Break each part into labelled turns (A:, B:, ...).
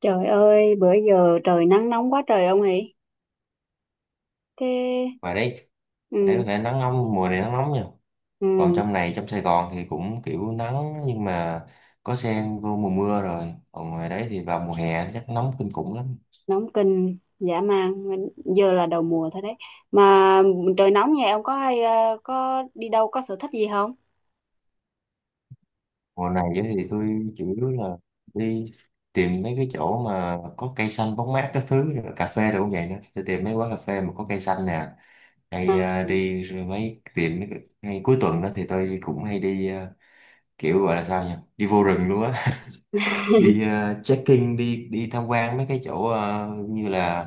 A: Trời ơi, bữa giờ trời nắng nóng quá trời ông ấy. Thế
B: Ngoài đấy Ở đấy
A: ừ,
B: có thể nắng nóng, mùa này nắng nóng nha. Còn
A: ừ,
B: trong này, trong Sài Gòn thì cũng kiểu nắng, nhưng mà có sen vô mùa mưa rồi, còn ngoài đấy thì vào mùa hè chắc nóng kinh khủng lắm.
A: nóng kinh dã man. Giờ là đầu mùa thôi đấy. Mà trời nóng nhà ông có hay có đi đâu, có sở thích gì không?
B: Mùa này á thì tôi chủ yếu là đi tìm mấy cái chỗ mà có cây xanh bóng mát các thứ rồi, cà phê rồi cũng vậy nữa, tôi tìm mấy quán cà phê mà có cây xanh nè,
A: Ừ.
B: hay đi rồi mấy tìm mấy ngay cuối tuần đó thì tôi cũng hay đi, kiểu gọi là sao nhỉ, đi vô rừng luôn á, đi trekking, đi đi tham quan mấy cái chỗ như là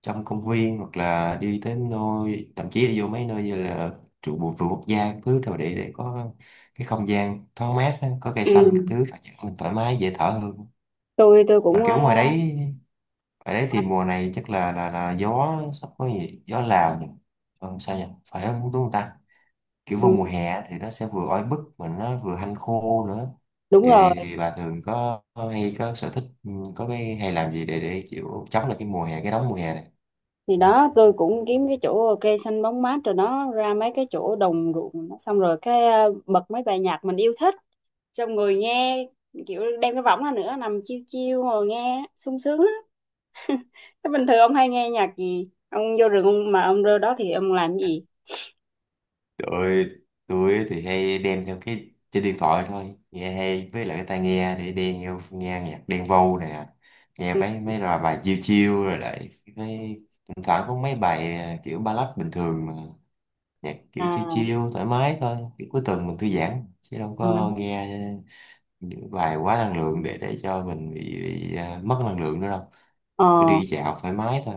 B: trong công viên, hoặc là đi tới nơi, thậm chí là vô mấy nơi như là trụ bộ vườn quốc gia các thứ rồi, để có cái không gian thoáng mát á, có cây
A: Ừ.
B: xanh các thứ, mình thoải mái dễ thở hơn.
A: Tôi
B: Mà
A: cũng
B: kiểu ngoài đấy thì mùa này chắc là gió, sắp có gì gió Lào nhỉ, sao nhỉ, phải không, đúng không ta, kiểu
A: ừ,
B: vô mùa hè á thì nó sẽ vừa oi bức mà nó vừa hanh khô nữa.
A: đúng
B: thì,
A: rồi.
B: thì, thì bà thường có hay có sở thích, có cái hay làm gì để chịu chống lại cái mùa hè, cái nóng mùa hè này?
A: Thì đó tôi cũng kiếm cái chỗ cây xanh bóng mát rồi nó ra mấy cái chỗ đồng ruộng nó, xong rồi cái bật mấy bài nhạc mình yêu thích, xong rồi nghe, kiểu đem cái võng ra nữa nằm chiêu chiêu ngồi nghe sung sướng. Thế bình thường ông hay nghe nhạc gì? Ông vô rừng ông mà ông rơi đó thì ông làm gì?
B: Tôi tôi thì hay đem theo cái trên điện thoại thôi, nghe hay với lại cái tai nghe, để đen nghe, nghe nhạc Đen Vâu nè, nghe
A: Ừ.
B: mấy mấy là bài chill chill rồi lại cái, thỉnh thoảng có mấy bài kiểu ballad bình thường, mà nhạc kiểu chill
A: À,
B: chill thoải mái thôi, kiểu cuối tuần mình thư giãn chứ đâu
A: à,
B: có nghe những bài quá năng lượng để cho mình mất năng lượng nữa đâu,
A: ờ,
B: cứ đi dạo thoải mái thôi.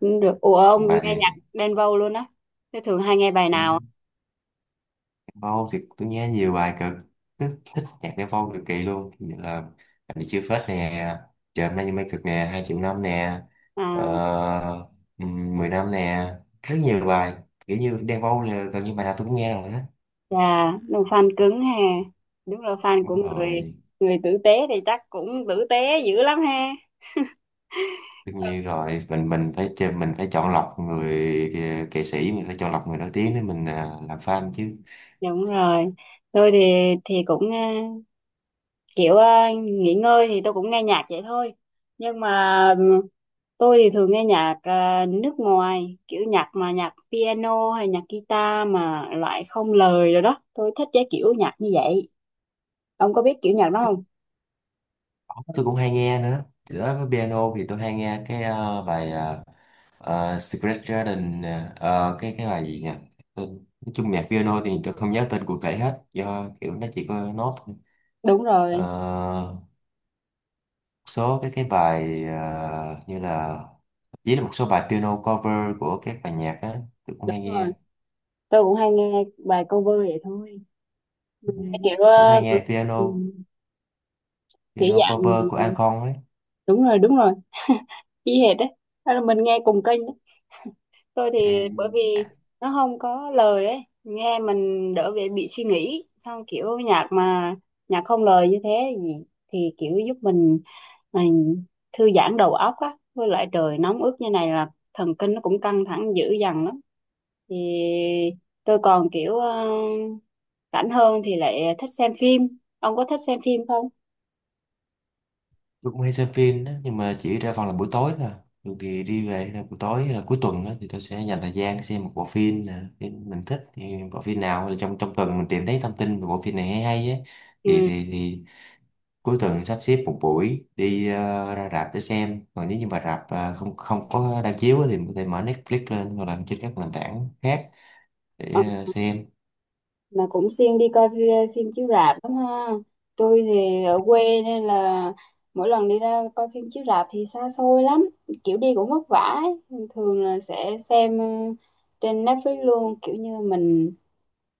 A: cũng được. Ủa ông
B: Còn bà thì?
A: nghe nhạc Đen Vâu luôn á? Thế thường hay nghe bài
B: ừ,
A: nào?
B: Vâu thì tôi nghe nhiều bài cực thích nhạc Đen Vâu cực kỳ luôn, như là Anh Đi Chưa Phết nè, Trời Hôm Nay Như Mây Cực nè, Hai Triệu Năm nè,
A: À,
B: ờ, ừ, Mười Năm nè, rất nhiều bài, kiểu như Đen Vâu là gần như bài nào tôi cũng nghe rồi đó.
A: chà, đúng fan cứng ha. Đúng là fan của
B: Đúng
A: người,
B: rồi,
A: người tử tế thì chắc cũng tử tế dữ lắm ha.
B: tất nhiên rồi, mình phải chơi, mình phải chọn lọc người, nghệ sĩ mình phải chọn lọc người nổi tiếng để mình làm fan chứ.
A: Đúng rồi. Tôi thì cũng kiểu nghỉ ngơi thì tôi cũng nghe nhạc vậy thôi. Nhưng mà tôi thì thường nghe nhạc à, nước ngoài, kiểu nhạc mà nhạc piano hay nhạc guitar mà loại không lời rồi đó. Tôi thích cái kiểu nhạc như vậy. Ông có biết kiểu nhạc đó không?
B: Đó, tôi cũng hay nghe nữa, giữa với piano thì tôi hay nghe cái bài Secret Garden nè. Ờ, cái bài gì nhỉ, Tên- nói chung nhạc piano thì tôi không nhớ tên cụ thể hết, do kiểu nó chỉ có nốt thôi.
A: Đúng rồi,
B: Ờ, số cái bài như là, chỉ là một số bài piano cover của các bài nhạc á, tôi cũng
A: đúng
B: hay
A: rồi.
B: nghe.
A: Tôi cũng hay nghe bài cover vậy thôi.
B: Ừ,
A: Mình nghe kiểu
B: tôi cũng hay nghe
A: ừ,
B: piano,
A: kiểu dạng
B: cover của An Con ấy.
A: đúng rồi, y hệt đấy. Hay là mình nghe cùng kênh. Tôi
B: Ừ.
A: thì bởi vì nó không có lời ấy, nghe mình đỡ bị suy nghĩ, xong kiểu nhạc mà nhạc không lời như thế thì, thì kiểu giúp mình thư giãn đầu óc á, với lại trời nóng ướt như này là thần kinh nó cũng căng thẳng dữ dằn lắm. Thì tôi còn kiểu rảnh hơn thì lại thích xem phim. Ông có thích xem phim không?
B: Tôi cũng hay xem phim đó, nhưng mà chỉ ra phòng là buổi tối thôi, thường thì đi về là buổi tối hay là cuối tuần đó, thì tôi sẽ dành thời gian xem một bộ phim nè, phim mình thích thì bộ phim nào là trong trong tuần mình tìm thấy thông tin về bộ phim này hay hay ấy, thì
A: Ừ.
B: thì thì cuối tuần sắp xếp một buổi đi ra rạp để xem. Còn nếu như mà rạp không không có đang chiếu á, thì mình có thể mở Netflix lên hoặc là trên các nền tảng khác để xem.
A: Mà cũng siêng đi coi phim, phim chiếu rạp lắm ha. Tôi thì ở quê nên là mỗi lần đi ra coi phim chiếu rạp thì xa xôi lắm, kiểu đi cũng vất vả ấy. Thường là sẽ xem ừ, trên Netflix luôn, kiểu như mình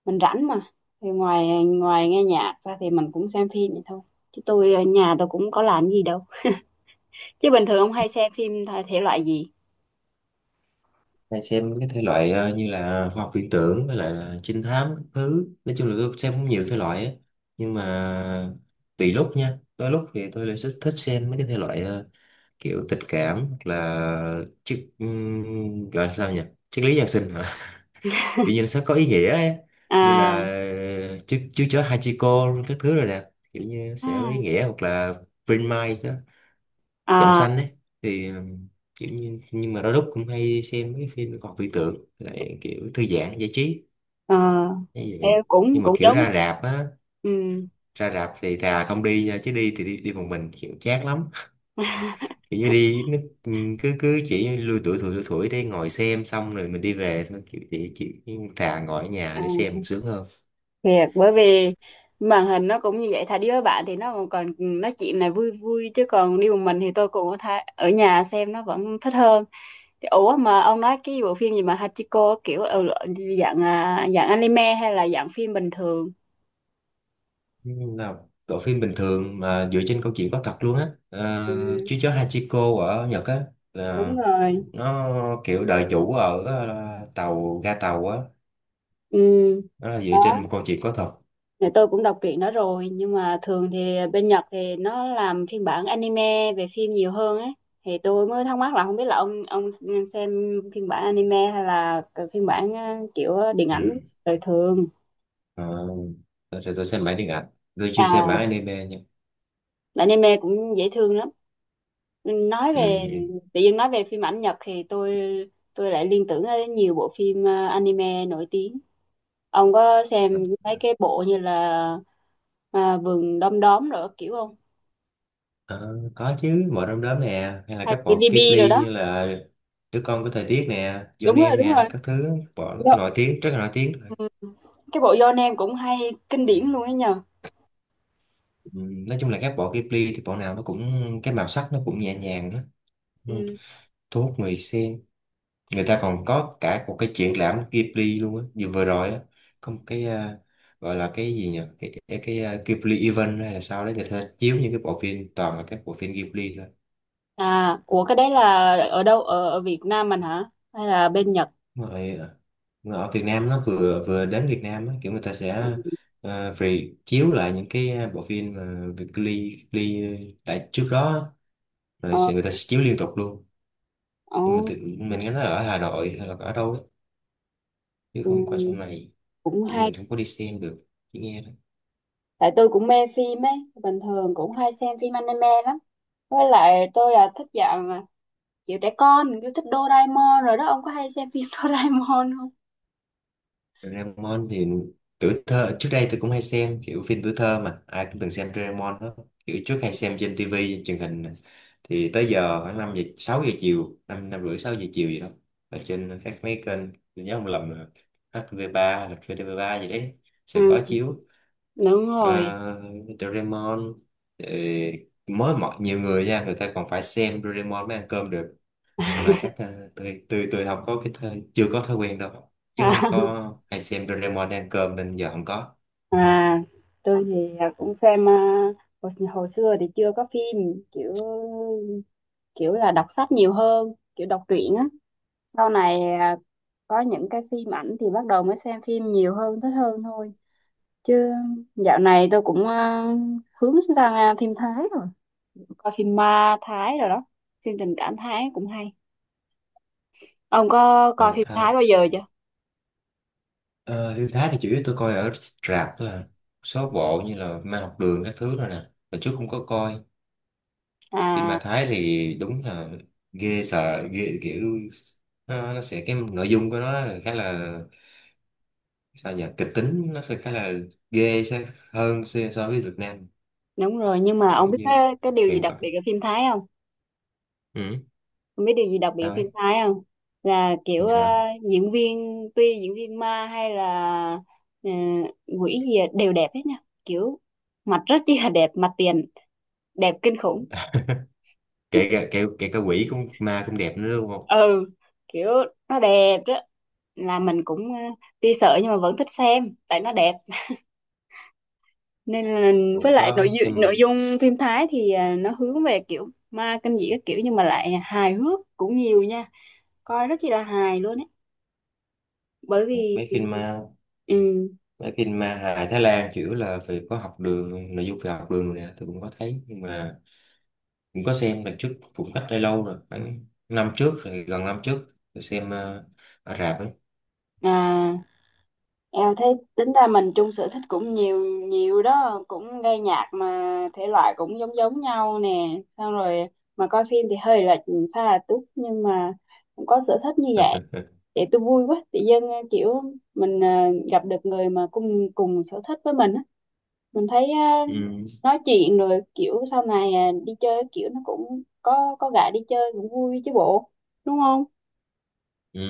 A: mình rảnh mà thì ngoài ngoài nghe nhạc ra thì mình cũng xem phim vậy thôi, chứ tôi ở nhà tôi cũng có làm gì đâu. Chứ bình thường ông hay xem phim thể thể loại gì?
B: Hay xem cái thể loại như là khoa học viễn tưởng với lại là trinh thám các thứ, nói chung là tôi xem cũng nhiều thể loại á, nhưng mà tùy lúc nha, đôi lúc thì tôi lại thích thích xem mấy cái thể loại kiểu tình cảm, hoặc là triết, gọi là sao nhỉ, triết lý nhân sinh hả kiểu như nó sẽ có ý nghĩa ấy, như là
A: À,
B: chú chó Hachiko các thứ rồi nè, kiểu như nó sẽ có ý
A: à,
B: nghĩa, hoặc là Vinmai, Trạm
A: à,
B: Xanh ấy thì kiểu như, nhưng mà đôi lúc cũng hay xem mấy cái phim còn viễn tưởng lại, kiểu thư giãn giải trí
A: à.
B: như
A: Em
B: vậy.
A: cũng
B: Nhưng mà
A: cũng
B: kiểu
A: giống.
B: ra rạp á,
A: Ừ.
B: ra rạp thì thà không đi nha, chứ đi thì đi, đi một mình kiểu chát lắm, kiểu như đi nó cứ cứ chỉ lui tuổi thủi lui thủi để ngồi xem xong rồi mình đi về thôi, kiểu chỉ thà ngồi ở nhà để
A: À.
B: xem sướng hơn.
A: Thiệt, bởi vì màn hình nó cũng như vậy, thà đi với bạn thì nó còn còn nói chuyện này vui vui, chứ còn đi một mình thì tôi cũng tha, ở nhà xem nó vẫn thích hơn. Thì ủa mà ông nói cái bộ phim gì mà Hachiko, kiểu ừ, dạng à, dạng anime hay là dạng phim bình thường?
B: Nhưng là bộ phim bình thường mà dựa trên câu chuyện có thật luôn á,
A: Ừ,
B: chú chó Hachiko ở Nhật á,
A: đúng rồi.
B: nó kiểu đời chủ ở tàu, ga tàu á,
A: Ừ.
B: nó là dựa
A: Đó.
B: trên một câu chuyện có thật.
A: Này, tôi cũng đọc truyện đó rồi nhưng mà thường thì bên Nhật thì nó làm phiên bản anime về phim nhiều hơn ấy. Thì tôi mới thắc mắc là không biết là ông xem phiên bản anime hay là cái phiên bản kiểu điện
B: Ừ.
A: ảnh đời thường.
B: Ờ, tôi xem bản điện ảnh, tôi chưa xem bản
A: À,
B: anime nha.
A: anime cũng dễ thương lắm. Nói về
B: Ừ.
A: tự nhiên, nói về phim ảnh Nhật thì tôi lại liên tưởng đến nhiều bộ phim anime nổi tiếng. Ông có xem mấy cái bộ như là à, vườn đom đóm rồi kiểu không?
B: Ờ, có chứ, mọi đom Đóm nè, hay là
A: Hay
B: các
A: cái
B: bộ
A: DB rồi
B: Ghibli,
A: đó.
B: như là Đứa Con Của Thời Tiết nè,
A: Đúng
B: Johnny
A: rồi,
B: Em
A: đúng rồi.
B: nè, các thứ bộ
A: Do,
B: nổi tiếng, rất là nổi tiếng.
A: ừ, cái bộ Your Name cũng hay, kinh điển luôn ấy nhờ.
B: Ừ. Nói chung là các bộ Ghibli thì bộ nào nó cũng, cái màu sắc nó cũng nhẹ nhàng á, ừ.
A: Ừ.
B: thu hút người xem. Người ta còn có cả một cái triển lãm Ghibli luôn á, vừa vừa rồi á, có một cái gọi là cái gì nhỉ, cái Ghibli event hay là sao đấy, người ta chiếu những cái bộ phim, toàn là các bộ phim Ghibli thôi.
A: À, ủa cái đấy là ở đâu, ở, ở Việt Nam mình hả hay là bên Nhật?
B: Mà ở mà ở Việt Nam, nó vừa vừa đến Việt Nam á, kiểu người ta sẽ
A: Ừ.
B: à, re chiếu lại những cái bộ phim mà Việt Ghibli, Ghibli tại trước đó á, rồi
A: Ờ,
B: sẽ, người ta sẽ chiếu liên tục luôn.
A: ờ,
B: Nhưng mà mình nghe nói là ở Hà Nội hay là ở đâu đó, chứ
A: ừ,
B: không qua trong này
A: cũng
B: thì
A: hay.
B: mình không có đi xem được, chỉ nghe.
A: Tại tôi cũng mê phim ấy, bình thường cũng hay xem phim anime lắm. Với lại tôi là thích dạng kiểu trẻ con, kiểu thích Doraemon rồi đó. Ông có hay xem phim Doraemon không?
B: Doraemon thì tuổi thơ trước đây tôi cũng hay xem, kiểu phim tuổi thơ mà ai cũng từng xem Doraemon đó, kiểu trước hay xem trên tivi truyền hình nè, thì tới giờ khoảng 5 giờ 6 giờ chiều, năm 5 rưỡi 6 giờ chiều gì đó, ở trên các mấy kênh, tôi nhớ không lầm là HTV3 hoặc là VTV3 gì đấy sẽ có
A: Ừ,
B: chiếu
A: đúng rồi.
B: Ờ, Doraemon. ờ, Mới mọi nhiều người nha, người ta còn phải xem Doraemon mới ăn cơm được, mà chắc tôi không có cái thói, chưa có thói quen đâu, chứ không có hay xem Doraemon ăn cơm, nên giờ không có.
A: À, tôi thì à, cũng xem à, hồi, hồi xưa thì chưa có phim kiểu, kiểu là đọc sách nhiều hơn, kiểu đọc truyện á. Sau này à, có những cái phim ảnh thì bắt đầu mới xem phim nhiều hơn, thích hơn thôi. Chứ dạo này tôi cũng à, hướng sang à, phim Thái rồi, coi phim ma Thái rồi đó, phim tình cảm Thái cũng hay. Ông có coi
B: Mà
A: phim
B: Thái,
A: Thái bao giờ chưa?
B: ờ, phim Thái thì chủ yếu tôi coi ở rạp thôi à, số bộ như là Ma Học Đường các thứ rồi nè, mà trước không có coi. Phim
A: À,
B: ma Thái thì đúng là ghê, sợ ghê, kiểu nó sẽ, cái nội dung của nó là khá là, sao nhỉ, kịch tính, nó sẽ khá là ghê sẽ hơn so so với Việt Nam,
A: đúng rồi. Nhưng mà
B: kiểu
A: ông biết
B: như
A: cái điều gì
B: huyền
A: đặc biệt
B: thoại.
A: ở phim Thái không?
B: Ừ,
A: Không biết điều gì đặc biệt
B: sao
A: phim
B: ấy?
A: Thái không? Là kiểu
B: Làm sao?
A: diễn viên, tuy diễn viên ma hay là ờ, quỷ gì à, đều đẹp hết nha. Kiểu mặt rất chi là đẹp, mặt tiền đẹp kinh khủng.
B: Kể cả, kể cả quỷ cũng, ma cũng đẹp nữa đúng không,
A: Ừ, kiểu nó đẹp đó. Là mình cũng ờ, tuy sợ nhưng mà vẫn thích xem tại nó đẹp. Nên là với
B: cũng
A: lại nội
B: có
A: dung, nội
B: xem
A: dung phim Thái thì ờ, nó hướng về kiểu ma kinh dị các kiểu, nhưng mà lại hài hước cũng nhiều nha. Coi rất chi là hài luôn á. Bởi vì
B: mấy phim ma.
A: ừ
B: Mấy phim ma hài Thái Lan chủ yếu là phải có học đường, nội dung về học đường rồi nè, tôi cũng có thấy, nhưng mà cũng có xem lần trước, cũng cách đây lâu rồi, khoảng năm trước rồi, gần năm trước tôi xem ở rạp ấy.
A: à, em thấy tính ra mình chung sở thích cũng nhiều nhiều đó, cũng nghe nhạc mà thể loại cũng giống giống nhau nè, xong rồi mà coi phim thì hơi lệch pha là túc, nhưng mà cũng có sở thích như vậy. Để tôi vui quá, tự dưng ờ, kiểu mình à, gặp được người mà cùng cùng sở thích với mình á, mình thấy à,
B: Ừ.
A: nói chuyện rồi kiểu sau này à, đi chơi kiểu nó cũng có gã đi chơi cũng vui chứ bộ, đúng không?
B: Ừ.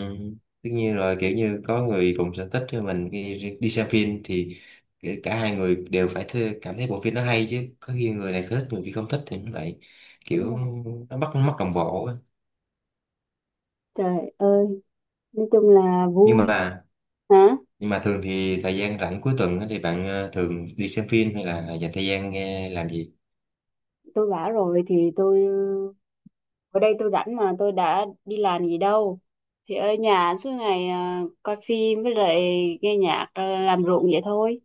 B: Tất nhiên rồi, kiểu như có người cùng sở thích với mình đi, đi xem phim thì kể cả hai người đều phải cảm thấy bộ phim nó hay, chứ có khi người này thích người kia không thích thì nó lại kiểu nó mất mất đồng bộ á.
A: Trời ơi, nói chung là
B: nhưng
A: vui.
B: mà
A: Hả?
B: nhưng mà thường thì thời gian rảnh cuối tuần á thì bạn thường đi xem phim, hay là dành thời gian nghe làm gì?
A: Tôi bảo rồi thì tôi ở đây tôi rảnh mà tôi đã đi làm gì đâu. Thì ở nhà suốt ngày à, coi phim với lại nghe nhạc à, làm ruộng vậy thôi.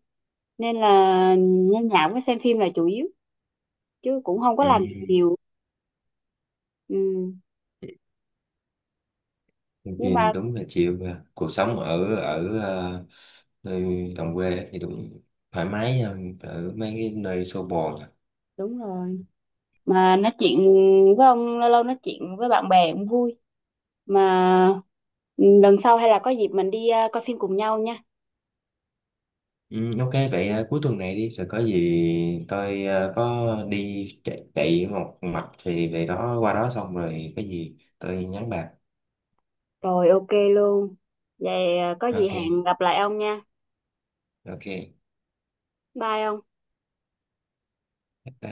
A: Nên là nghe nhạc với xem phim là chủ yếu, chứ cũng không có
B: Ừ.
A: làm gì nhiều. Ừ.
B: Xem
A: Nhưng
B: phim
A: mà
B: đúng là chịu, cuộc sống ở ở nơi đồng quê thì đúng thoải mái hơn ở mấy cái nơi xô bồ.
A: đúng rồi. Mà nói chuyện với ông, lâu lâu nói chuyện với bạn bè cũng vui. Mà ừ, lần sau hay là có dịp mình đi à, coi phim cùng nhau nha.
B: Ừ, ok vậy, cuối tuần này đi rồi, có gì tôi có đi chạy, chạy một mạch thì về đó, qua đó xong rồi có gì tôi nhắn bạn.
A: Rồi ok luôn. Vậy à, có gì
B: Ok.
A: hẹn gặp lại ông nha.
B: Ok.
A: Bye ông.